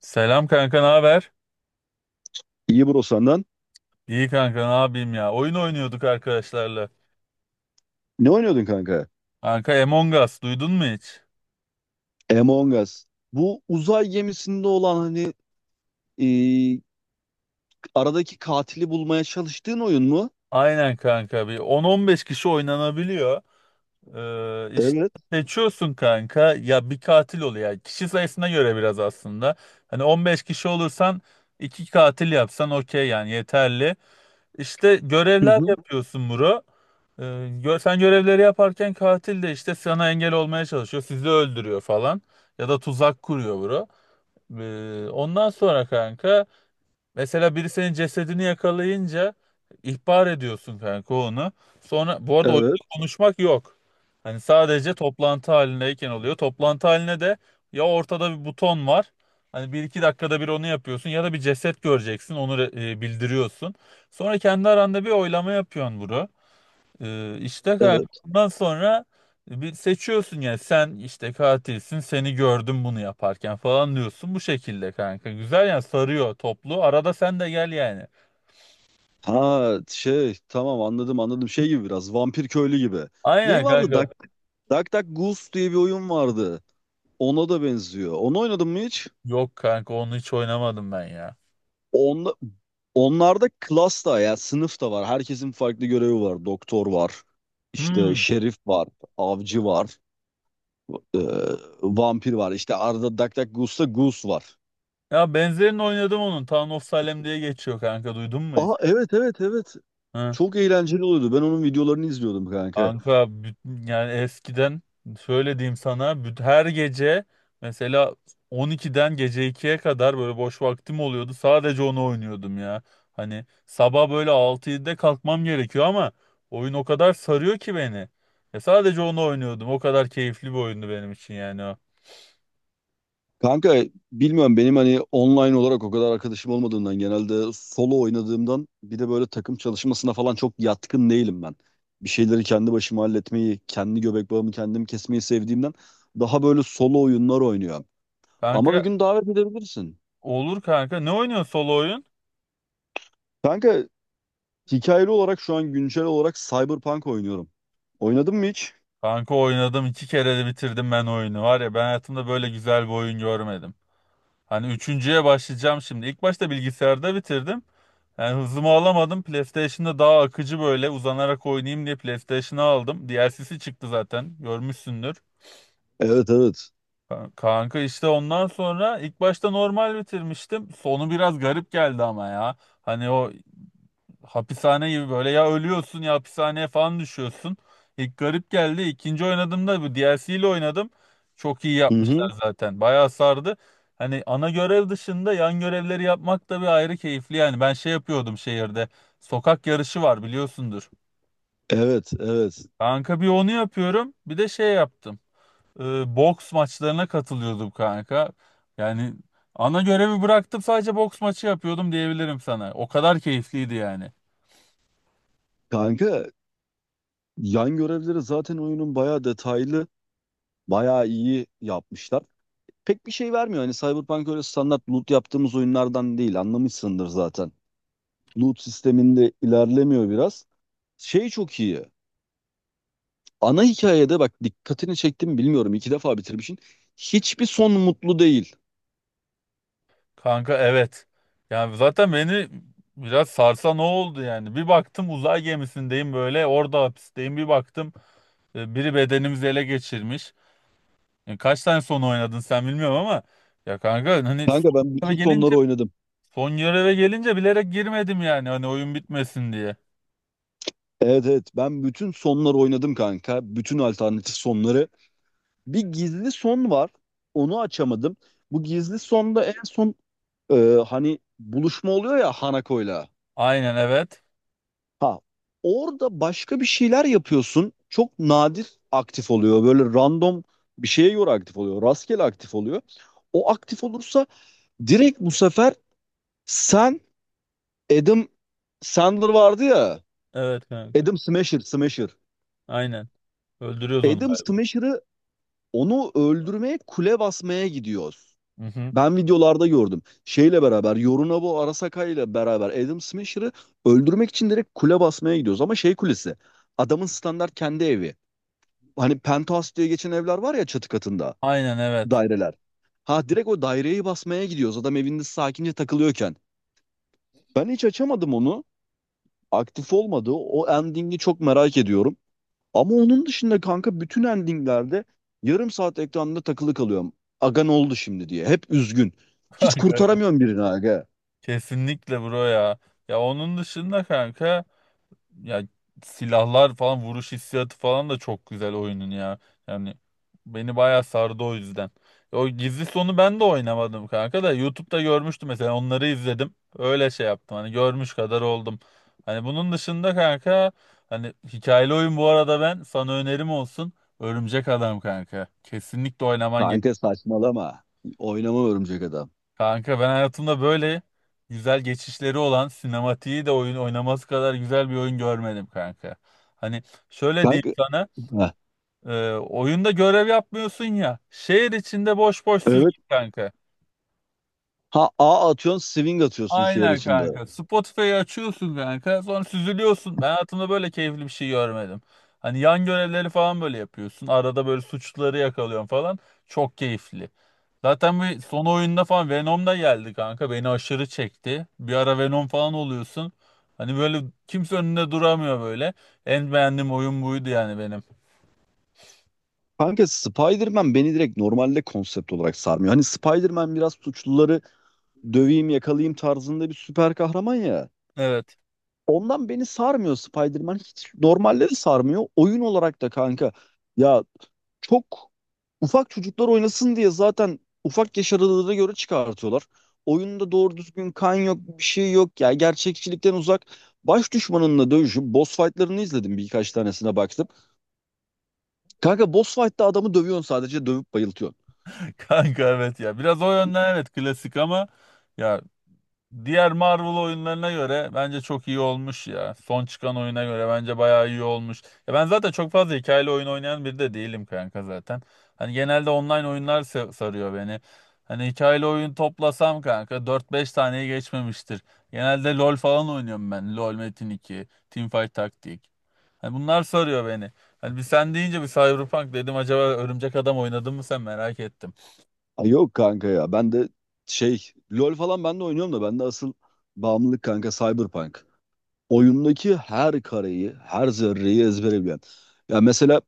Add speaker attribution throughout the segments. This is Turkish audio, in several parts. Speaker 1: Selam kanka, ne haber?
Speaker 2: İyi bro, senden.
Speaker 1: İyi kanka, ne yapayım ya? Oyun oynuyorduk arkadaşlarla.
Speaker 2: Ne oynuyordun kanka?
Speaker 1: Kanka Among Us duydun mu hiç?
Speaker 2: Among Us. Bu uzay gemisinde olan hani e, aradaki katili bulmaya çalıştığın oyun mu?
Speaker 1: Aynen kanka bir 10-15 kişi oynanabiliyor. İşte
Speaker 2: Evet.
Speaker 1: seçiyorsun kanka ya bir katil oluyor. Yani kişi sayısına göre biraz aslında. Hani 15 kişi olursan iki katil yapsan okey yani yeterli. İşte
Speaker 2: Hı
Speaker 1: görevler
Speaker 2: hı.
Speaker 1: yapıyorsun bro. Ee, Sen görevleri yaparken katil de işte sana engel olmaya çalışıyor. Sizi öldürüyor falan. Ya da tuzak kuruyor bro. Ondan sonra kanka mesela biri senin cesedini yakalayınca ihbar ediyorsun kanka onu. Sonra bu arada oyunda
Speaker 2: Evet.
Speaker 1: konuşmak yok. Hani sadece toplantı halindeyken oluyor. Toplantı haline de ya ortada bir buton var. Hani bir iki dakikada bir onu yapıyorsun ya da bir ceset göreceksin onu bildiriyorsun. Sonra kendi aranda bir oylama yapıyorsun bunu. İşte kanka
Speaker 2: Evet.
Speaker 1: bundan sonra bir seçiyorsun yani sen işte katilsin, seni gördüm bunu yaparken falan diyorsun bu şekilde kanka. Güzel yani sarıyor, toplu arada sen de gel yani.
Speaker 2: Ha şey, tamam, anladım anladım. Şey gibi, biraz vampir köylü gibi. Ney
Speaker 1: Aynen
Speaker 2: vardı?
Speaker 1: kanka.
Speaker 2: Duck Duck Goose diye bir oyun vardı. Ona da benziyor. Onu oynadın mı hiç?
Speaker 1: Yok kanka, onu hiç oynamadım ben ya.
Speaker 2: Onda, onlarda klas da ya sınıf da var. Herkesin farklı görevi var. Doktor var. İşte
Speaker 1: Hmm.
Speaker 2: şerif var. Avcı var. e, Vampir var. İşte Arda DuckDuckGoos'ta Goose var.
Speaker 1: Ya benzerini oynadım onun. Town of Salem diye geçiyor kanka, duydun mu hiç?
Speaker 2: Aa, evet evet evet.
Speaker 1: Hı.
Speaker 2: Çok eğlenceli oluyordu. Ben onun videolarını izliyordum kanka.
Speaker 1: Kanka yani eskiden şöyle diyeyim sana, her gece mesela 12'den gece 2'ye kadar böyle boş vaktim oluyordu. Sadece onu oynuyordum ya. Hani sabah böyle 6-7'de kalkmam gerekiyor ama oyun o kadar sarıyor ki beni. E sadece onu oynuyordum. O kadar keyifli bir oyundu benim için yani o.
Speaker 2: Kanka, bilmiyorum, benim hani online olarak o kadar arkadaşım olmadığından, genelde solo oynadığımdan, bir de böyle takım çalışmasına falan çok yatkın değilim ben. Bir şeyleri kendi başıma halletmeyi, kendi göbek bağımı kendim kesmeyi sevdiğimden daha böyle solo oyunlar oynuyorum. Ama bir
Speaker 1: Kanka
Speaker 2: gün davet edebilirsin.
Speaker 1: olur kanka. Ne oynuyorsun solo oyun?
Speaker 2: Kanka, hikayeli olarak şu an güncel olarak Cyberpunk oynuyorum. Oynadın mı hiç?
Speaker 1: Kanka oynadım, iki kere de bitirdim ben oyunu. Var ya, ben hayatımda böyle güzel bir oyun görmedim. Hani üçüncüye başlayacağım şimdi. İlk başta bilgisayarda bitirdim. Yani hızımı alamadım. PlayStation'da daha akıcı böyle uzanarak oynayayım diye PlayStation'ı aldım. DLC'si çıktı zaten. Görmüşsündür.
Speaker 2: Evet evet.
Speaker 1: Kanka işte ondan sonra ilk başta normal bitirmiştim. Sonu biraz garip geldi ama ya. Hani o hapishane gibi böyle, ya ölüyorsun ya hapishaneye falan düşüyorsun. İlk garip geldi. İkinci oynadığımda bu DLC ile oynadım. Çok iyi
Speaker 2: Hı
Speaker 1: yapmışlar
Speaker 2: hı.
Speaker 1: zaten. Bayağı sardı. Hani ana görev dışında yan görevleri yapmak da bir ayrı keyifli yani. Ben şey yapıyordum şehirde. Sokak yarışı var, biliyorsundur.
Speaker 2: Evet evet.
Speaker 1: Kanka bir onu yapıyorum. Bir de şey yaptım. Boks maçlarına katılıyordum kanka. Yani ana görevi bıraktım, sadece boks maçı yapıyordum diyebilirim sana. O kadar keyifliydi yani.
Speaker 2: Kanka yan görevleri zaten, oyunun bayağı detaylı, bayağı iyi yapmışlar. Pek bir şey vermiyor. Hani Cyberpunk öyle standart loot yaptığımız oyunlardan değil. Anlamışsındır zaten. Loot sisteminde ilerlemiyor biraz. Şey çok iyi. Ana hikayede bak dikkatini çektim, bilmiyorum, iki defa bitirmişsin. Hiçbir son mutlu değil.
Speaker 1: Kanka evet. Yani zaten beni biraz sarsan o oldu yani. Bir baktım uzay gemisindeyim böyle, orada hapisteyim. Bir baktım biri bedenimizi ele geçirmiş. Yani kaç tane son oynadın sen bilmiyorum ama ya kanka hani
Speaker 2: Kanka ben
Speaker 1: göreve
Speaker 2: bütün sonları
Speaker 1: gelince
Speaker 2: oynadım.
Speaker 1: son göreve gelince bilerek girmedim yani hani oyun bitmesin diye.
Speaker 2: Evet evet, ben bütün sonları oynadım kanka. Bütün alternatif sonları. Bir gizli son var. Onu açamadım. Bu gizli sonda en son e, hani buluşma oluyor ya Hanako'yla.
Speaker 1: Aynen evet.
Speaker 2: Ha, orada başka bir şeyler yapıyorsun. Çok nadir aktif oluyor. Böyle random bir şeye göre aktif oluyor. Rastgele aktif oluyor. O aktif olursa direkt bu sefer sen Adam Sandler vardı ya.
Speaker 1: Evet kanka.
Speaker 2: Adam Smasher, Smasher.
Speaker 1: Aynen. Öldürüyoruz onu
Speaker 2: Adam
Speaker 1: galiba.
Speaker 2: Smasher'ı, onu öldürmeye kule basmaya gidiyor.
Speaker 1: Hı hı.
Speaker 2: Ben videolarda gördüm. Şeyle beraber, Yorunabu Arasaka ile beraber Adam Smasher'ı öldürmek için direkt kule basmaya gidiyoruz. Ama şey kulesi. Adamın standart kendi evi. Hani penthouse diye geçen evler var ya, çatı katında.
Speaker 1: Aynen evet.
Speaker 2: Daireler. Ha, direkt o daireyi basmaya gidiyoruz. Adam evinde sakince takılıyorken. Ben hiç açamadım onu. Aktif olmadı. O endingi çok merak ediyorum. Ama onun dışında kanka bütün endinglerde yarım saat ekranda takılı kalıyorum. Aga, ne oldu şimdi diye. Hep üzgün. Hiç
Speaker 1: Kanka evet.
Speaker 2: kurtaramıyorum birini aga.
Speaker 1: Kesinlikle bro ya. Ya onun dışında kanka, ya silahlar falan, vuruş hissiyatı falan da çok güzel oyunun ya. Yani beni bayağı sardı o yüzden. O gizli sonu ben de oynamadım kanka da YouTube'da görmüştüm, mesela onları izledim. Öyle şey yaptım, hani görmüş kadar oldum. Hani bunun dışında kanka, hani hikayeli oyun, bu arada ben sana önerim olsun. Örümcek Adam kanka. Kesinlikle oynaman.
Speaker 2: Kanka, saçmalama. Oynama örümcek adam.
Speaker 1: Kanka ben hayatımda böyle güzel geçişleri olan, sinematiği de oyun oynaması kadar güzel bir oyun görmedim kanka. Hani şöyle diyeyim
Speaker 2: Kanka,
Speaker 1: sana,
Speaker 2: Heh,
Speaker 1: oyunda görev yapmıyorsun ya, şehir içinde boş boş süzül
Speaker 2: evet.
Speaker 1: kanka.
Speaker 2: Ha, A atıyorsun, swing atıyorsun şehir
Speaker 1: Aynen
Speaker 2: içinde.
Speaker 1: kanka, Spotify'ı açıyorsun kanka, sonra süzülüyorsun. Ben hayatımda böyle keyifli bir şey görmedim. Hani yan görevleri falan böyle yapıyorsun, arada böyle suçluları yakalıyorsun falan, çok keyifli. Zaten bir son oyunda falan Venom da geldi kanka. Beni aşırı çekti. Bir ara Venom falan oluyorsun. Hani böyle kimse önünde duramıyor böyle. En beğendiğim oyun buydu yani benim.
Speaker 2: Kanka Spider-Man beni direkt normalde konsept olarak sarmıyor. Hani Spider-Man biraz suçluları döveyim, yakalayayım tarzında bir süper kahraman ya.
Speaker 1: Evet.
Speaker 2: Ondan beni sarmıyor Spider-Man. Hiç normalde de sarmıyor. Oyun olarak da kanka. Ya, çok ufak çocuklar oynasın diye zaten ufak yaş aralığına göre çıkartıyorlar. Oyunda doğru düzgün kan yok, bir şey yok. Ya gerçekçilikten uzak. Baş düşmanınla dövüşüp boss fight'larını izledim, birkaç tanesine baktım. Kanka boss fight'ta adamı dövüyorsun, sadece dövüp bayıltıyorsun.
Speaker 1: Kanka evet ya. Biraz o yönden evet klasik ama ya, diğer Marvel oyunlarına göre bence çok iyi olmuş ya. Son çıkan oyuna göre bence bayağı iyi olmuş. Ya ben zaten çok fazla hikayeli oyun oynayan biri de değilim kanka zaten. Hani genelde online oyunlar sarıyor beni. Hani hikayeli oyun toplasam kanka dört beş taneyi geçmemiştir. Genelde LoL falan oynuyorum ben. LoL, Metin iki, Teamfight Taktik. Hani bunlar sarıyor beni. Hani bir sen deyince bir Cyberpunk dedim, acaba Örümcek Adam oynadın mı sen, merak ettim.
Speaker 2: Ay yok kanka ya. Ben de şey, LoL falan ben de oynuyorum da, ben de asıl bağımlılık kanka Cyberpunk. Oyundaki her kareyi, her zerreyi ezbere bilen. Ya mesela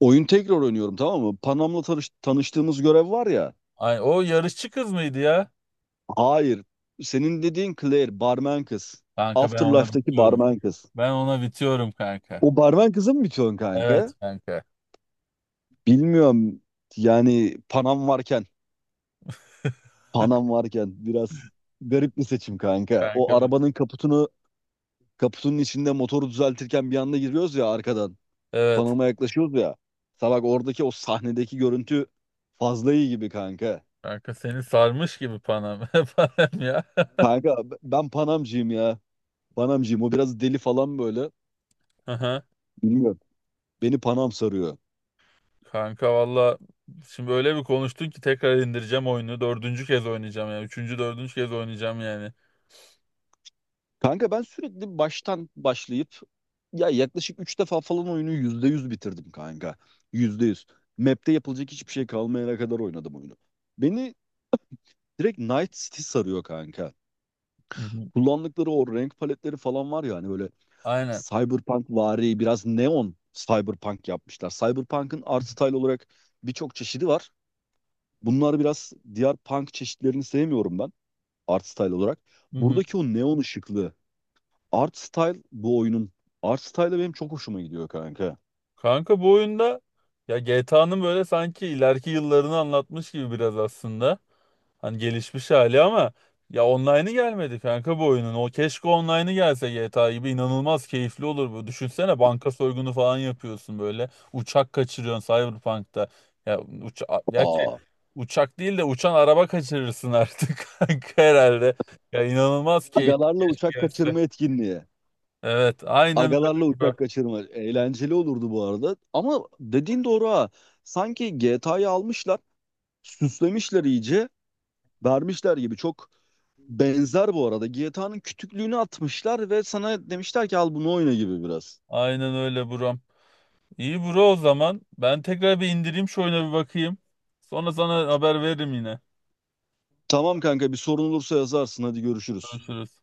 Speaker 2: oyun tekrar oynuyorum, tamam mı? Panam'la tanıştığımız görev var ya.
Speaker 1: Ay, o yarışçı kız mıydı ya?
Speaker 2: Hayır. Senin dediğin Claire, barmen kız.
Speaker 1: Kanka ben ona
Speaker 2: Afterlife'daki
Speaker 1: bitiyorum.
Speaker 2: barmen kız.
Speaker 1: Ben ona bitiyorum kanka.
Speaker 2: O barmen kızı mı bitiyorsun kanka?
Speaker 1: Evet kanka.
Speaker 2: Bilmiyorum. Yani Panam varken, Biraz garip bir seçim kanka.
Speaker 1: Kanka
Speaker 2: O arabanın kaputunu, kaputunun içinde motoru düzeltirken bir anda giriyoruz ya arkadan.
Speaker 1: evet.
Speaker 2: Panama yaklaşıyoruz ya. Mesela bak, oradaki o sahnedeki görüntü fazla iyi gibi kanka.
Speaker 1: Kanka seni sarmış gibi panam panam ya.
Speaker 2: Kanka ben Panamcıyım ya. Panamcıyım. O biraz deli falan böyle.
Speaker 1: Aha.
Speaker 2: Bilmiyorum. Beni Panam sarıyor.
Speaker 1: Kanka valla, şimdi öyle bir konuştun ki tekrar indireceğim oyunu. Dördüncü kez oynayacağım yani. Üçüncü, dördüncü kez oynayacağım yani.
Speaker 2: Kanka ben sürekli baştan başlayıp, ya yaklaşık 3 defa falan oyunu %100 bitirdim kanka. %100. Map'te yapılacak hiçbir şey kalmayana kadar oynadım oyunu. Beni direkt Night City sarıyor kanka.
Speaker 1: Hı hı.
Speaker 2: Kullandıkları o renk paletleri falan var ya, hani böyle
Speaker 1: Aynen.
Speaker 2: Cyberpunk vari, biraz neon cyberpunk yapmışlar. Cyberpunk'ın art style olarak birçok çeşidi var. Bunlar biraz, diğer punk çeşitlerini sevmiyorum ben art style olarak.
Speaker 1: Hı hı.
Speaker 2: Buradaki o neon ışıklı art style, bu oyunun art style'ı benim çok hoşuma gidiyor kanka.
Speaker 1: Kanka bu oyunda ya GTA'nın böyle sanki ileriki yıllarını anlatmış gibi biraz aslında. Hani gelişmiş hali ama ya online'ı gelmedi kanka bu oyunun. O keşke online'ı gelse GTA gibi inanılmaz keyifli olur bu. Düşünsene, banka soygunu falan yapıyorsun böyle. Uçak kaçırıyorsun Cyberpunk'ta. Ya gerçi
Speaker 2: Aa,
Speaker 1: uçak değil de uçan araba kaçırırsın artık kanka herhalde. Ya inanılmaz keyifli
Speaker 2: agalarla uçak
Speaker 1: gelse.
Speaker 2: kaçırma etkinliği.
Speaker 1: Evet, aynen
Speaker 2: Agalarla
Speaker 1: öyle
Speaker 2: uçak
Speaker 1: bro.
Speaker 2: kaçırma eğlenceli olurdu bu arada. Ama dediğin doğru ha. Sanki GTA'yı almışlar, süslemişler iyice, vermişler gibi çok benzer bu arada. GTA'nın kütüklüğünü atmışlar ve sana demişler ki al bunu oyna gibi biraz.
Speaker 1: Aynen öyle buram. İyi bro o zaman. Ben tekrar bir indireyim, şu oyuna bir bakayım. Sonra sana haber veririm yine.
Speaker 2: Tamam kanka, bir sorun olursa yazarsın, hadi görüşürüz.
Speaker 1: Görüşürüz.